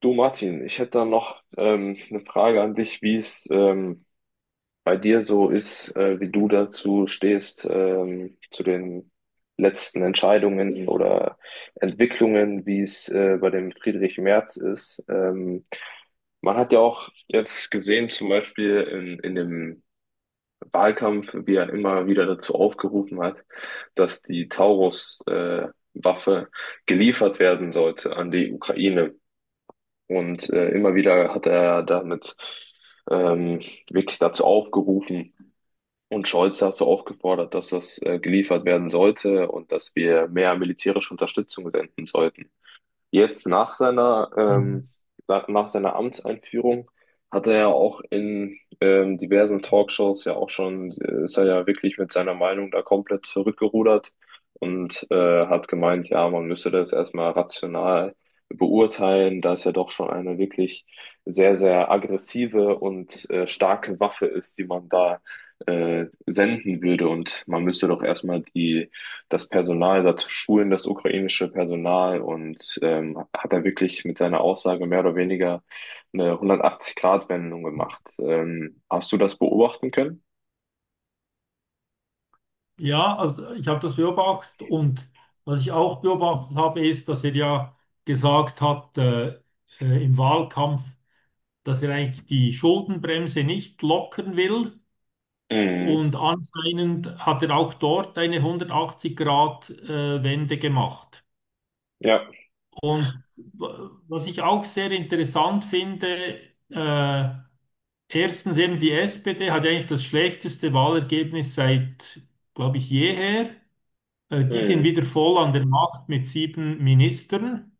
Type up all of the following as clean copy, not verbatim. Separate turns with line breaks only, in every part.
Du Martin, ich hätte da noch eine Frage an dich, wie es bei dir so ist, wie du dazu stehst, zu den letzten Entscheidungen oder Entwicklungen, wie es bei dem Friedrich Merz ist. Man hat ja auch jetzt gesehen, zum Beispiel in dem Wahlkampf, wie er immer wieder dazu aufgerufen hat, dass die Taurus, Waffe geliefert werden sollte an die Ukraine. Und immer wieder hat er damit ähm, wirklich dazu aufgerufen und Scholz dazu aufgefordert, dass das geliefert werden sollte und dass wir mehr militärische Unterstützung senden sollten. Jetzt nach seiner,
Mhm.
nach seiner Amtseinführung hat er ja auch in diversen Talkshows ja auch schon, ist er ja wirklich mit seiner Meinung da komplett zurückgerudert und hat gemeint, ja, man müsse das erstmal rational beurteilen, da es ja doch schon eine wirklich sehr, sehr aggressive und starke Waffe ist, die man da senden würde und man müsste doch erstmal die das Personal dazu schulen, das ukrainische Personal, und hat er wirklich mit seiner Aussage mehr oder weniger eine 180-Grad-Wendung gemacht. Hast du das beobachten können?
Ja, also ich habe das beobachtet und was ich auch beobachtet habe, ist, dass er ja gesagt hat im Wahlkampf, dass er eigentlich die Schuldenbremse nicht lockern will.
Mhm.
Und anscheinend hat er auch dort eine 180-Grad-Wende gemacht.
Ja,
Und was ich auch sehr interessant finde, äh, erstens eben die SPD hat ja eigentlich das schlechteste Wahlergebnis seit, glaube ich, jeher. Die sind
mhm.
wieder voll an der Macht mit sieben Ministern.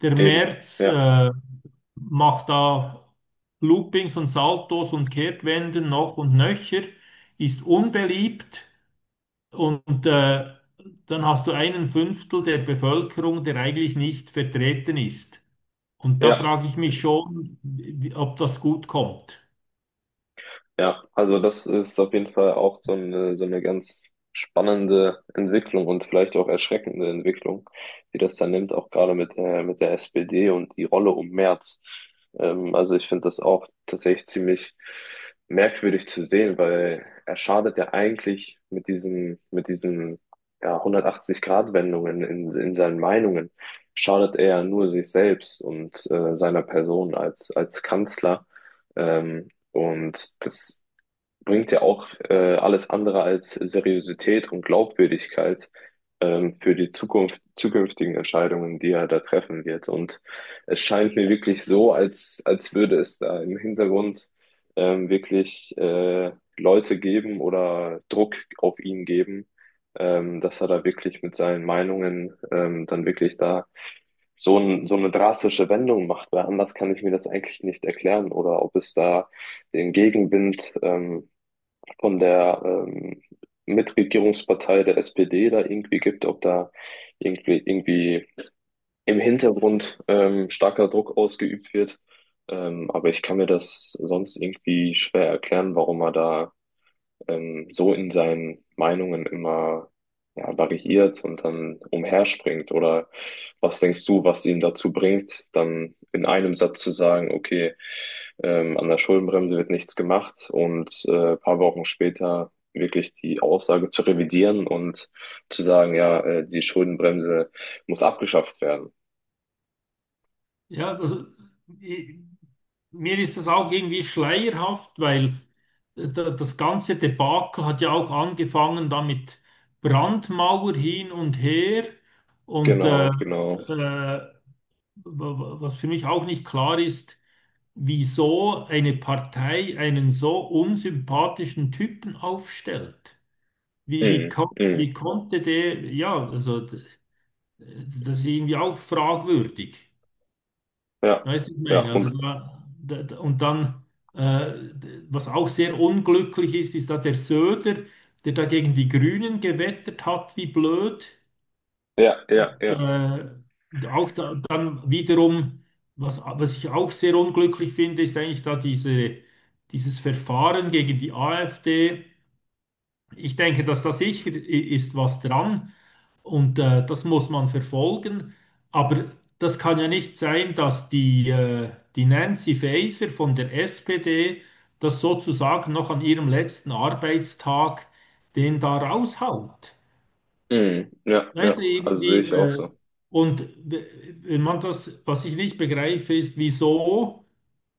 Der
Eben.
Merz
Ja.
macht da Loopings und Saltos und Kehrtwenden noch und nöcher, ist unbeliebt und dann hast du einen Fünftel der Bevölkerung, der eigentlich nicht vertreten ist. Und da
Ja.
frage ich mich schon, ob das gut kommt.
Ja, also das ist auf jeden Fall auch so eine ganz spannende Entwicklung und vielleicht auch erschreckende Entwicklung, die das dann nimmt, auch gerade mit der SPD und die Rolle um Merz. Also ich finde das auch tatsächlich ziemlich merkwürdig zu sehen, weil er schadet ja eigentlich mit diesen ja, 180-Grad-Wendungen in seinen Meinungen, schadet er ja nur sich selbst und seiner Person als, als Kanzler. Ähm, und das bringt ja auch alles andere als Seriosität und Glaubwürdigkeit für die Zukunft, zukünftigen Entscheidungen, die er da treffen wird. Und es scheint mir wirklich so, als, als würde es da im Hintergrund wirklich Leute geben oder Druck auf ihn geben, dass er da wirklich mit seinen Meinungen dann wirklich da so, ein, so eine drastische Wendung macht, weil anders kann ich mir das eigentlich nicht erklären, oder ob es da den Gegenwind von der Mitregierungspartei der SPD da irgendwie gibt, ob da irgendwie, irgendwie im Hintergrund starker Druck ausgeübt wird. Aber ich kann mir das sonst irgendwie schwer erklären, warum er da so in seinen Meinungen immer ja, variiert und dann umherspringt. Oder was denkst du, was ihn dazu bringt, dann in einem Satz zu sagen, okay, an der Schuldenbremse wird nichts gemacht, und ein paar Wochen später wirklich die Aussage zu revidieren und zu sagen, ja, die Schuldenbremse muss abgeschafft werden.
Ja, also i- mir ist das auch irgendwie schleierhaft, weil das ganze Debakel hat ja auch angefangen damit Brandmauer hin und her und
Genau, genau.
wa- was für mich auch nicht klar ist, wieso eine Partei einen so unsympathischen Typen aufstellt. Wie, wie,
Mhm,
kon wie
mhm.
konnte der, ja, also das ist irgendwie auch fragwürdig.
Ja,
Weißt du, was ich
ja,
meine? Also
und
und dann, was auch sehr unglücklich ist, ist da der Söder, der da gegen die Grünen gewettert hat, wie blöd.
ja, ja, ja.
Äh, Auch da, dann wiederum, was ich auch sehr unglücklich finde, ist eigentlich da dieses Verfahren gegen die AfD. Ich denke, dass da sicher ist was dran und das muss man verfolgen. Aber das kann ja nicht sein, dass die Nancy Faeser von der SPD das sozusagen noch an ihrem letzten Arbeitstag den da raushaut.
Mhm, ja,
Weißt
ja.
du,
Also sehe
irgendwie,
ich auch so.
und wenn man das, was ich nicht begreife, ist, wieso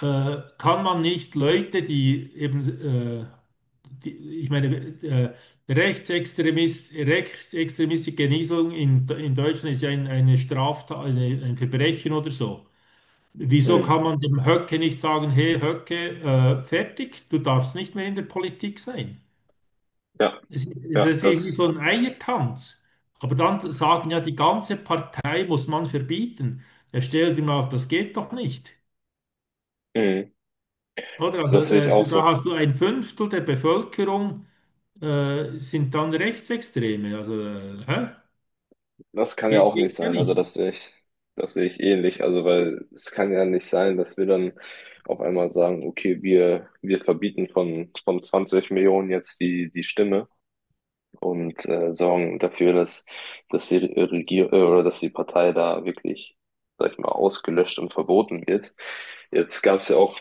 kann man nicht Leute, die eben äh, die, ich meine, äh, Rechtsextremist, rechtsextremistische Genesung in Deutschland ist ja eine Straftat, ein Verbrechen oder so. Wieso
Mhm.
kann man dem Höcke nicht sagen, hey Höcke, fertig, du darfst nicht mehr in der Politik sein?
Ja,
Es, das
ja,
ist irgendwie
das,
so ein Eiertanz. Aber dann sagen ja, die ganze Partei muss man verbieten. Er stellt ihm auf, das geht doch nicht.
mhm,
Oder? Also,
das sehe ich auch
da
so.
hast du ein Fünftel der Bevölkerung sind dann Rechtsextreme. Also, hä?
Das kann ja
Geht,
auch nicht
geht ja
sein. Also
nicht.
das sehe ich ähnlich. Also weil es kann ja nicht sein, dass wir dann auf einmal sagen, okay, wir verbieten von 20 Millionen jetzt die, die Stimme und sorgen dafür, dass, dass die Regierung oder dass die Partei da wirklich, sag ich mal, ausgelöscht und verboten wird. Jetzt gab es ja auch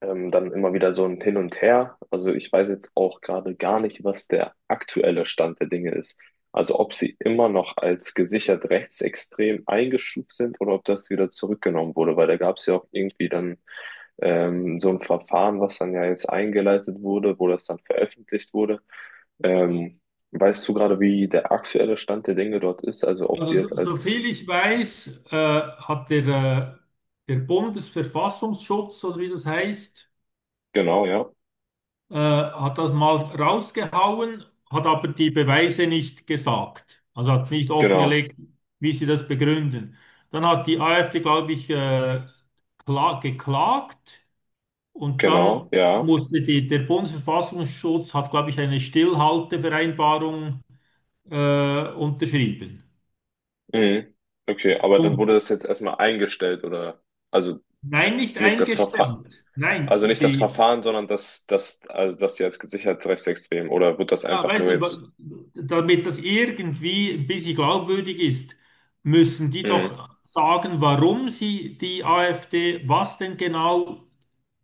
ähm, dann immer wieder so ein Hin und Her. Also ich weiß jetzt auch gerade gar nicht, was der aktuelle Stand der Dinge ist. Also ob sie immer noch als gesichert rechtsextrem eingestuft sind oder ob das wieder zurückgenommen wurde, weil da gab es ja auch irgendwie dann so ein Verfahren, was dann ja jetzt eingeleitet wurde, wo das dann veröffentlicht wurde. Ähm, weißt du gerade, wie der aktuelle Stand der Dinge dort ist? Also ob die
Also,
jetzt als...
soviel ich weiß, hat der Bundesverfassungsschutz, oder wie das heißt,
Genau, ja.
hat das mal rausgehauen, hat aber die Beweise nicht gesagt. Also hat nicht
Genau,
offengelegt, wie sie das begründen. Dann hat die AfD, glaube ich, geklagt und
genau,
dann
ja.
musste der Bundesverfassungsschutz hat, glaube ich, eine Stillhaltevereinbarung unterschrieben.
Mhm. Okay, aber dann wurde
Und
das jetzt erstmal eingestellt oder also
nein, nicht
nicht das Verfahren,
eingestellt. Nein,
also nicht das Verfahren, sondern das, das, also das jetzt gesichert rechtsextrem oder wird das
ja,
einfach
weißt
nur
du,
jetzt?
damit das irgendwie ein bisschen glaubwürdig ist, müssen die
Mhm.
doch sagen, warum sie die AfD, was denn genau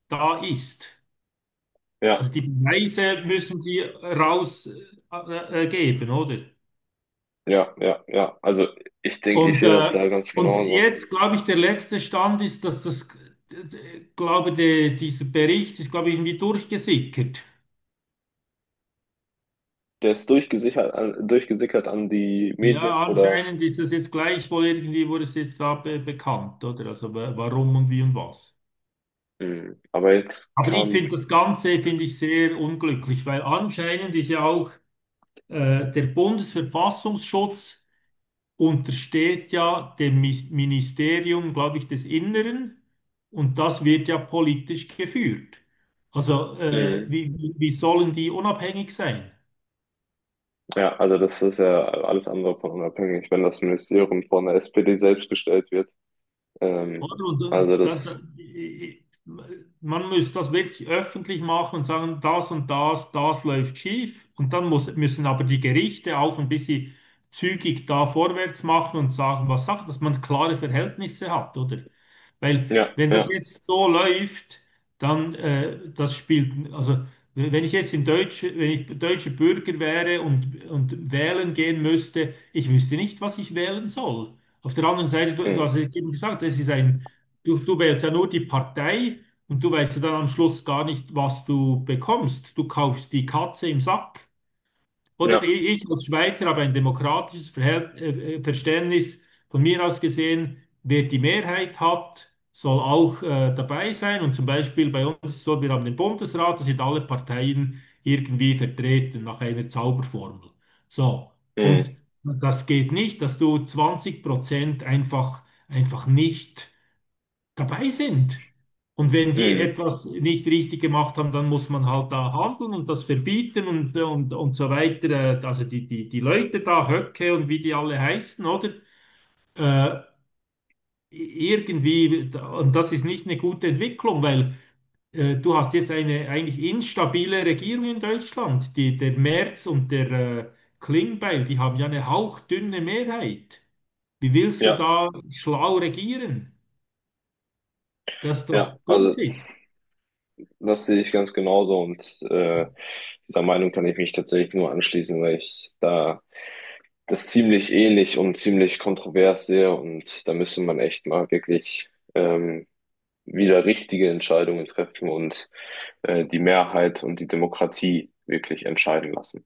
da ist.
Ja,
Also die Beweise müssen sie rausgeben, geben, oder?
ja, ja, ja. Also ich denke, ich
Und,
sehe das
äh,
da ganz
und
genauso.
jetzt, glaube ich, der letzte Stand ist, dass das, dieser Bericht ist, glaube ich, irgendwie durchgesickert.
Der ist durchgesichert, an- durchgesickert an die Medien,
Ja,
oder?
anscheinend ist das jetzt gleichwohl irgendwie, wurde es jetzt da be bekannt, oder? Also warum und wie und was.
Mhm. Aber jetzt
Aber ich
kam,
finde das Ganze, finde ich sehr unglücklich, weil anscheinend ist ja auch der Bundesverfassungsschutz untersteht ja dem Ministerium, glaube ich, des Inneren und das wird ja politisch geführt. Also
mhm.
wie sollen die unabhängig sein?
Ja, also das ist ja alles andere von unabhängig, wenn das Ministerium von der SPD selbst gestellt wird. Ähm,
Oder? Und dann,
also
dann,
das.
dann, i- i- man muss das wirklich öffentlich machen und sagen, das und das, das läuft schief. Und dann müssen aber die Gerichte auch ein bisschen zügig da vorwärts machen und sagen, was Sache, dass man klare Verhältnisse hat, oder? Weil
Ja,
wenn das
ja.
jetzt so läuft, dann das spielt, also wenn ich jetzt wenn ich deutscher Bürger wäre und wählen gehen müsste, ich wüsste nicht, was ich wählen soll. Auf der anderen Seite, du
Mhm.
hast ja eben gesagt, du wählst ja nur die Partei und du weißt ja dann am Schluss gar nicht, was du bekommst. Du kaufst die Katze im Sack. Oder
Ja.
ich als Schweizer habe ein demokratisches Verhält Verständnis. Von mir aus gesehen, wer die Mehrheit hat, soll auch dabei sein. Und zum Beispiel bei uns ist es so, wir haben den Bundesrat, da sind alle Parteien irgendwie vertreten nach einer Zauberformel. So. Und
Mhm.
das geht nicht, dass du 20% einfach nicht dabei sind. Und wenn die
Mhm.
etwas nicht richtig gemacht haben, dann muss man halt da handeln und das verbieten und so weiter. Also die Leute da, Höcke und wie die alle heißen, oder? Äh, irgendwie, und das ist nicht eine gute Entwicklung, weil du hast jetzt eine eigentlich instabile Regierung in Deutschland. Der Merz und der Klingbeil, die haben ja eine hauchdünne Mehrheit. Wie willst du
Ja.
da schlau regieren? Das ist doch
Ja. Also
Bullshit.
das sehe ich ganz genauso und äh, dieser Meinung kann ich mich tatsächlich nur anschließen, weil ich da das ziemlich ähnlich und ziemlich kontrovers sehe und da müsste man echt mal wirklich ähm, wieder richtige Entscheidungen treffen und die Mehrheit und die Demokratie wirklich entscheiden lassen.